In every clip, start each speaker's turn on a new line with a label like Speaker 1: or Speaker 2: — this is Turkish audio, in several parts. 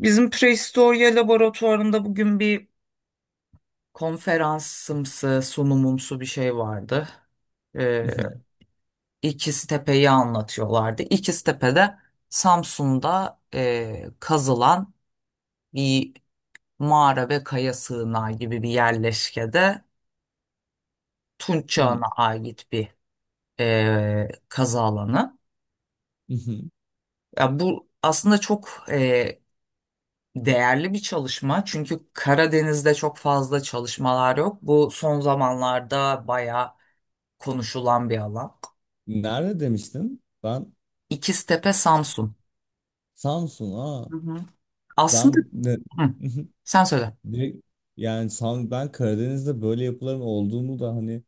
Speaker 1: Bizim Prehistoria laboratuvarında bugün bir konferansımsı, sunumumsu bir şey vardı. Ee,
Speaker 2: Mhm,
Speaker 1: i̇kiz anlatıyorlardı. İkiz-Tepe'de Samsun'da kazılan bir mağara ve kaya sığınağı gibi bir yerleşkede Tunç
Speaker 2: mhm,
Speaker 1: çağına ait bir kazı alanı.
Speaker 2: mhm.
Speaker 1: Ya bu aslında çok değerli bir çalışma, çünkü Karadeniz'de çok fazla çalışmalar yok. Bu son zamanlarda bayağı konuşulan bir alan.
Speaker 2: Nerede demiştin? Ben
Speaker 1: İkiztepe, Samsun.
Speaker 2: Samsun. Aa,
Speaker 1: Hı hı. Aslında.
Speaker 2: ben ne?
Speaker 1: Hı,
Speaker 2: Mhm.
Speaker 1: sen söyle.
Speaker 2: Direkt- Yani ben Karadeniz'de böyle yapıların olduğunu da hani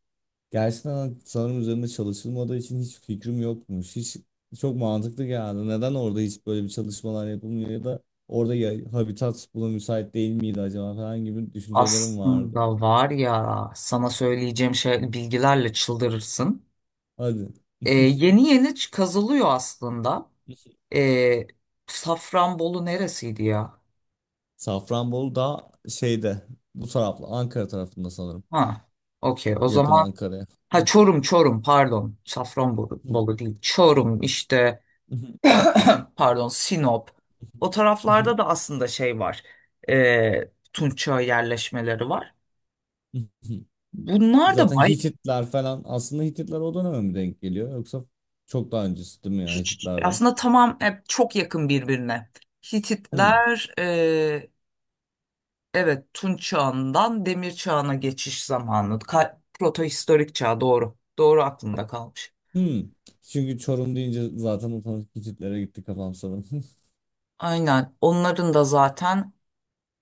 Speaker 2: gerçekten hani sanırım üzerinde çalışılmadığı için hiç fikrim yokmuş. Hiç çok mantıklı geldi. Neden orada hiç böyle bir çalışmalar yapılmıyor ya da orada ya, habitat buna müsait değil miydi acaba falan gibi düşüncelerim vardı.
Speaker 1: Aslında var ya, sana söyleyeceğim şey bilgilerle çıldırırsın.
Speaker 2: Hadi.
Speaker 1: Yeni yeni kazılıyor aslında. Ee, Safranbolu neresiydi ya?
Speaker 2: Safranbolu da şeyde bu taraflı Ankara tarafında sanırım.
Speaker 1: Ha, okey o
Speaker 2: Yakın
Speaker 1: zaman.
Speaker 2: Ankara'ya.
Speaker 1: Ha, Çorum pardon. Safranbolu Bolu değil. Çorum işte, pardon, Sinop. O taraflarda da aslında şey var. Tunçöy yerleşmeleri var. Bunlar da
Speaker 2: Zaten Hititler falan aslında Hititler o döneme mi denk geliyor yoksa çok daha öncesi değil mi ya
Speaker 1: hiç
Speaker 2: Hititlerden?
Speaker 1: aslında, tamam, hep çok yakın birbirine.
Speaker 2: Hmm.
Speaker 1: Hititler evet, Tunç çağından Demir çağına geçiş zamanı. Protohistorik çağ, doğru. Doğru, aklımda kalmış.
Speaker 2: Hmm. Çünkü Çorum deyince zaten otomatik Hititlere gitti kafam sanırım.
Speaker 1: Aynen, onların da zaten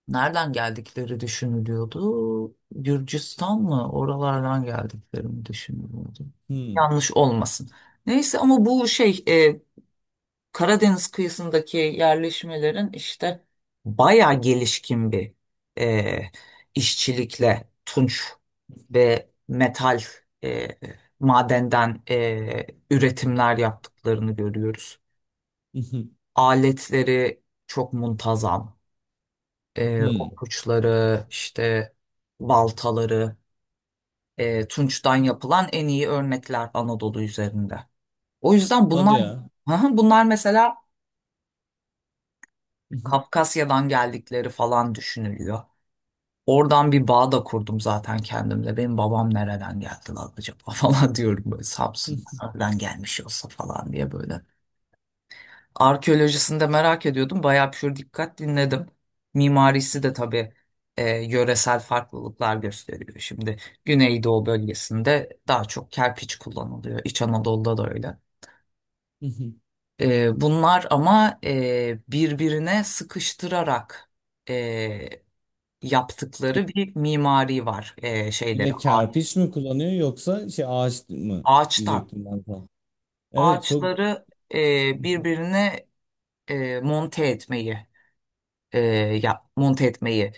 Speaker 1: nereden geldikleri düşünülüyordu. Gürcistan mı? Oralardan geldikleri mi düşünülüyordu.
Speaker 2: Hmm.
Speaker 1: Yanlış olmasın. Neyse, ama bu şey, Karadeniz kıyısındaki yerleşmelerin işte bayağı gelişkin bir e, işçilikle tunç ve metal, e, madenden üretimler yaptıklarını görüyoruz. Aletleri çok muntazam,
Speaker 2: Hmm.
Speaker 1: okuçları, işte baltaları, tunçtan yapılan en iyi örnekler Anadolu üzerinde. O yüzden bunlar
Speaker 2: Hadi ya.
Speaker 1: hı hı, bunlar mesela Kafkasya'dan geldikleri falan düşünülüyor. Oradan bir bağ da kurdum zaten kendimle. Benim babam nereden geldi lan acaba, falan diyorum böyle, Samsun'dan gelmiş olsa falan diye böyle. Arkeolojisini de merak ediyordum. Bayağı pür dikkat dinledim. Mimarisi de tabii yöresel farklılıklar gösteriyor. Şimdi Güneydoğu bölgesinde daha çok kerpiç kullanılıyor. İç Anadolu'da da öyle. Bunlar ama birbirine sıkıştırarak e, yaptıkları bir mimari var,
Speaker 2: Yine de kerpiç mi kullanıyor yoksa şey ağaç mı
Speaker 1: ağaçtan
Speaker 2: diyecektim ben sana. Evet, çok
Speaker 1: ağaçları birbirine e, monte etmeyi e, monte etmeyi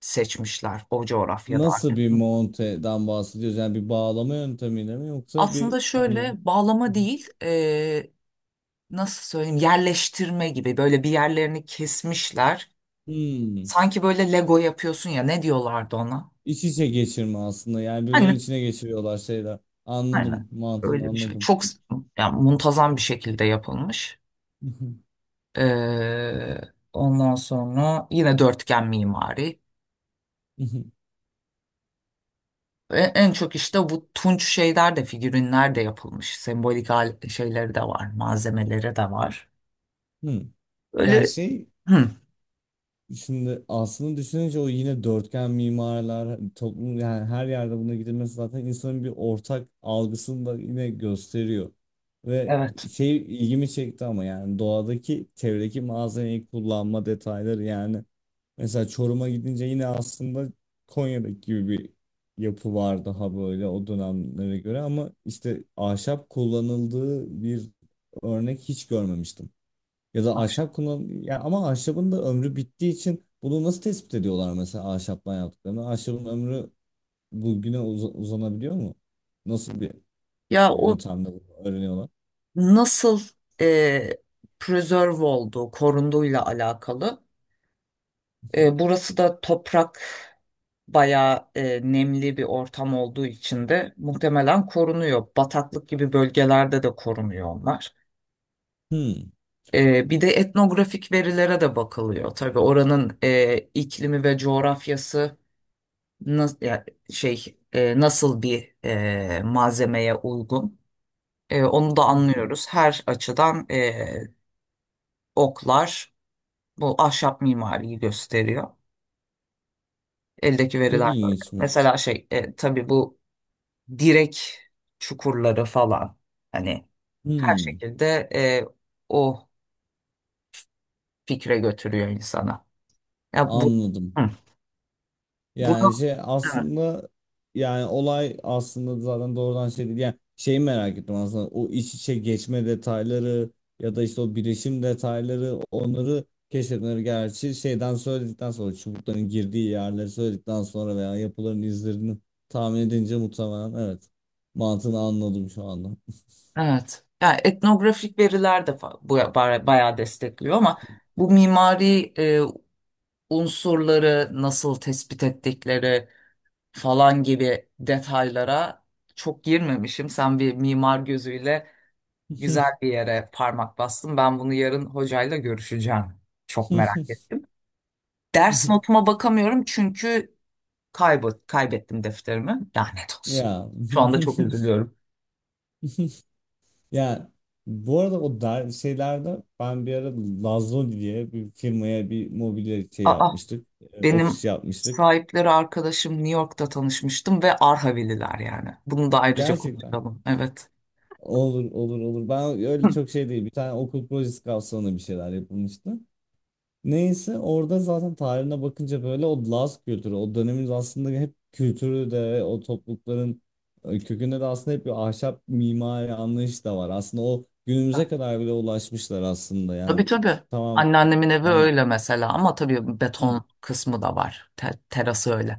Speaker 1: seçmişler o coğrafyada
Speaker 2: nasıl
Speaker 1: artık.
Speaker 2: bir monteden bahsediyoruz? Yani bir bağlama yöntemiyle mi yoksa bir
Speaker 1: Aslında
Speaker 2: hani
Speaker 1: şöyle bağlama değil, nasıl söyleyeyim, yerleştirme gibi, böyle bir yerlerini kesmişler.
Speaker 2: hmm,
Speaker 1: Sanki böyle Lego yapıyorsun ya, ne diyorlardı ona?
Speaker 2: iç içe geçirme aslında. Yani birbirlerinin
Speaker 1: Hani
Speaker 2: içine geçiriyorlar şeyler. Anladım,
Speaker 1: aynen
Speaker 2: mantığını
Speaker 1: öyle bir şey.
Speaker 2: anladım.
Speaker 1: Çok, yani muntazam bir şekilde yapılmış. E, ondan sonra yine dörtgen mimari. En çok işte bu tunç şeyler de, figürinler de yapılmış. Sembolik şeyleri de var, malzemeleri de var.
Speaker 2: Hmm. Yani
Speaker 1: Öyle.
Speaker 2: şey,
Speaker 1: Hı.
Speaker 2: şimdi aslında düşününce o yine dörtgen mimarlar toplum, yani her yerde buna gidilmesi zaten insanın bir ortak algısını da yine gösteriyor. Ve
Speaker 1: Evet.
Speaker 2: şey, ilgimi çekti ama yani doğadaki çevredeki malzemeyi kullanma detayları yani. Mesela Çorum'a gidince yine aslında Konya'daki gibi bir yapı var daha böyle, o dönemlere göre ama işte ahşap kullanıldığı bir örnek hiç görmemiştim. Ya da ahşap kullan ya, ama ahşabın da ömrü bittiği için bunu nasıl tespit ediyorlar mesela ahşaptan yaptıklarını? Ahşabın ömrü bugüne uzanabiliyor mu? Nasıl bir
Speaker 1: Ya o
Speaker 2: yöntemle bunu öğreniyorlar?
Speaker 1: nasıl, e, preserve olduğu, korunduğuyla alakalı. Burası da toprak bayağı, nemli bir ortam olduğu için de muhtemelen korunuyor. Bataklık gibi bölgelerde de korunuyor onlar.
Speaker 2: Hmm.
Speaker 1: Bir de etnografik verilere de bakılıyor. Tabii oranın iklimi ve coğrafyası nas- ya şey, nasıl bir malzemeye uygun. Onu da anlıyoruz. Her açıdan oklar bu ahşap mimariyi gösteriyor. Eldeki
Speaker 2: Çok
Speaker 1: veriler böyle.
Speaker 2: ilginçmiş.
Speaker 1: Mesela şey, tabii bu direk çukurları falan, hani her
Speaker 2: Hmm.
Speaker 1: şekilde o fikre götürüyor insana. Ya bu
Speaker 2: Anladım.
Speaker 1: hı,
Speaker 2: Yani
Speaker 1: bunu
Speaker 2: şey
Speaker 1: evet.
Speaker 2: aslında, yani olay aslında zaten doğrudan şey değil. Yani şeyi merak ettim aslında, o iç içe geçme detayları ya da işte o birleşim detayları, onları keşfetmeleri, gerçi şeyden söyledikten sonra, çubukların girdiği yerleri söyledikten sonra veya yapıların izlerini tahmin edince muhtemelen evet, mantığını anladım şu anda.
Speaker 1: Evet. Yani etnografik veriler de, bayağı destekliyor ama bu mimari unsurları nasıl tespit ettikleri falan gibi detaylara çok girmemişim. Sen bir mimar gözüyle güzel bir yere parmak bastın. Ben bunu yarın hocayla görüşeceğim. Çok merak ettim. Ders notuma bakamıyorum, çünkü kaybettim defterimi. Lanet olsun.
Speaker 2: Ya.
Speaker 1: Şu anda çok üzülüyorum.
Speaker 2: Yani bu arada o şeylerde ben bir ara Lazlo diye bir firmaya bir mobilya şey
Speaker 1: Aa,
Speaker 2: yapmıştık. Ofis
Speaker 1: benim
Speaker 2: yapmıştık.
Speaker 1: sahipleri arkadaşım, New York'ta tanışmıştım, ve Arhavililer yani. Bunu da ayrıca
Speaker 2: Gerçekten.
Speaker 1: konuşalım. Evet.
Speaker 2: Olur, olur, olur. Ben öyle çok şey değil. Bir tane okul projesi kapsamında bir şeyler yapılmıştı. Neyse, orada zaten tarihine bakınca böyle o Laz kültürü, o dönemin aslında hep kültürü de o toplulukların kökünde de aslında hep bir ahşap mimari anlayış da var. Aslında o günümüze kadar bile ulaşmışlar aslında.
Speaker 1: Tabii,
Speaker 2: Yani
Speaker 1: tabii.
Speaker 2: tamam,
Speaker 1: Anneannemin evi
Speaker 2: yani.
Speaker 1: öyle mesela, ama tabii
Speaker 2: Hı.
Speaker 1: beton kısmı da var. Terası öyle.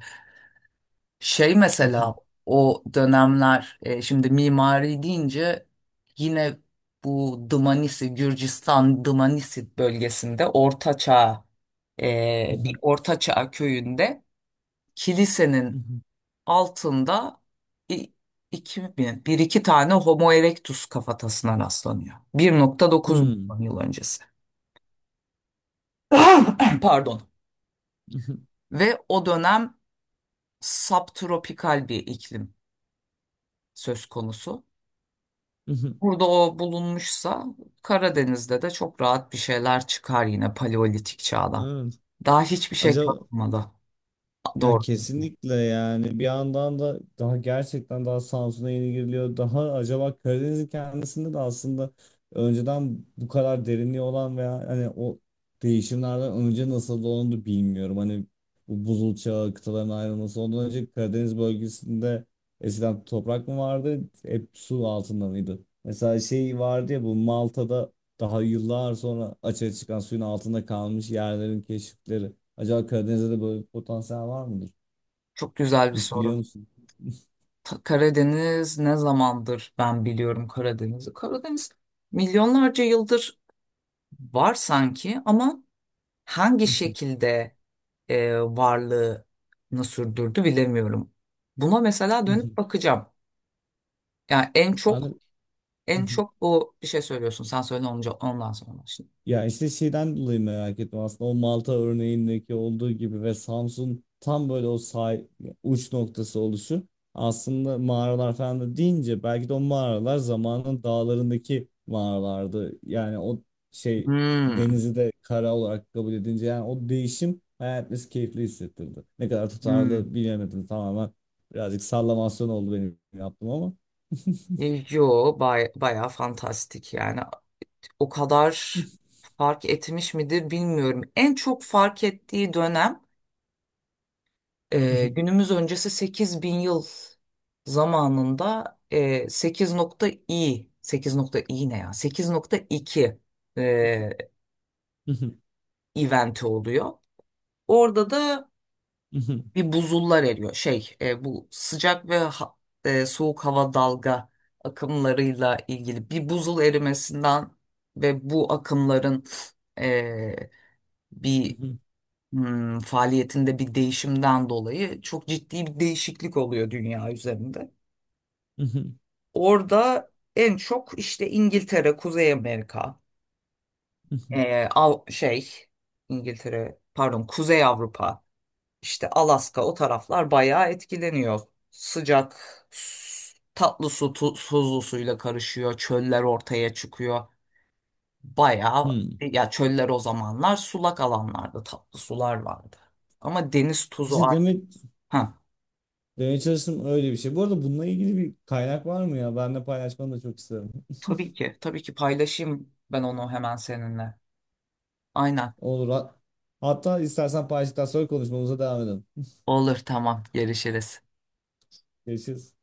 Speaker 1: Şey mesela,
Speaker 2: Mhm,
Speaker 1: o dönemler, şimdi mimari deyince, yine bu Dımanisi, Gürcistan Dımanisi bölgesinde, Orta, bir
Speaker 2: mhm,
Speaker 1: Orta köyünde kilisenin
Speaker 2: mhm.
Speaker 1: altında i- iki mi, bir iki tane Homo erectus kafatasına rastlanıyor. Bir nokta dokuz
Speaker 2: Hmm,
Speaker 1: milyon yıl öncesi. Pardon.
Speaker 2: mhm,
Speaker 1: Ve o dönem subtropikal bir iklim söz konusu.
Speaker 2: mhm.
Speaker 1: Burada o bulunmuşsa, Karadeniz'de de çok rahat bir şeyler çıkar yine Paleolitik çağdan.
Speaker 2: Evet.
Speaker 1: Daha hiçbir şey
Speaker 2: Acaba.
Speaker 1: kalmadı.
Speaker 2: Ya
Speaker 1: Doğru.
Speaker 2: kesinlikle, yani bir yandan da daha gerçekten daha Samsun'a yeni giriliyor. Daha acaba Karadeniz'in kendisinde de aslında önceden bu kadar derinliği olan veya hani o değişimlerden önce nasıl olduğunu da bilmiyorum. Hani bu buzul çağı, kıtaların ayrılması, ondan önce Karadeniz bölgesinde eskiden toprak mı vardı, hep su altında mıydı? Mesela şey vardı ya, bu Malta'da daha yıllar sonra açığa çıkan suyun altında kalmış yerlerin keşifleri. Acaba Karadeniz'de de böyle bir potansiyel var mıdır?
Speaker 1: Çok güzel bir
Speaker 2: Hiç biliyor
Speaker 1: soru.
Speaker 2: musun?
Speaker 1: Karadeniz ne zamandır, ben biliyorum Karadeniz'i. Karadeniz milyonlarca yıldır var sanki, ama hangi şekilde varlığını sürdürdü, bilemiyorum. Buna mesela dönüp bakacağım. Yani en
Speaker 2: Ben de.
Speaker 1: çok, bu bir şey söylüyorsun. Sen söyle, ondan sonra şimdi.
Speaker 2: Ya işte şeyden dolayı merak ettim aslında, o Malta örneğindeki olduğu gibi. Ve Samsun tam böyle o uç noktası oluşu, aslında mağaralar falan da deyince belki de o mağaralar zamanın dağlarındaki mağaralardı. Yani o şey,
Speaker 1: Hmm.
Speaker 2: denizi de kara olarak kabul edince yani o değişim hayatımız keyifli hissettirdi. Ne kadar
Speaker 1: Hmm.
Speaker 2: tutarlı bilemedim, tamamen birazcık sallamasyon oldu benim, yaptım ama.
Speaker 1: Yo, bayağı fantastik yani. O kadar fark etmiş midir bilmiyorum. En çok fark ettiği dönem, günümüz öncesi 8.000 yıl zamanında, e, 8.i ne ya? 8,2 e, eventi oluyor. Orada da bir buzullar eriyor. Şey, bu sıcak ve soğuk hava dalga akımlarıyla ilgili bir buzul erimesinden ve bu akımların e, bir faaliyetinde bir değişimden dolayı çok ciddi bir değişiklik oluyor dünya üzerinde. Orada en çok işte İngiltere, Kuzey Amerika, e, Av- şey İngiltere, pardon, Kuzey Avrupa, İşte Alaska, o taraflar bayağı etkileniyor. Sıcak, tatlı su tuzlu suyla karışıyor. Çöller ortaya çıkıyor. Bayağı
Speaker 2: Hmm.
Speaker 1: ya, çöller, o zamanlar sulak alanlarda tatlı sular vardı. Ama deniz tuzu
Speaker 2: İşte
Speaker 1: artık.
Speaker 2: demek,
Speaker 1: Ha,
Speaker 2: demeye çalıştım öyle bir şey. Bu arada bununla ilgili bir kaynak var mı ya? Ben de paylaşmanı da çok isterim.
Speaker 1: tabii ki, tabii ki paylaşayım ben onu hemen seninle. Aynen.
Speaker 2: Olur. Hatta istersen paylaştıktan sonra konuşmamıza devam edelim.
Speaker 1: Olur, tamam, görüşürüz.
Speaker 2: Görüşürüz.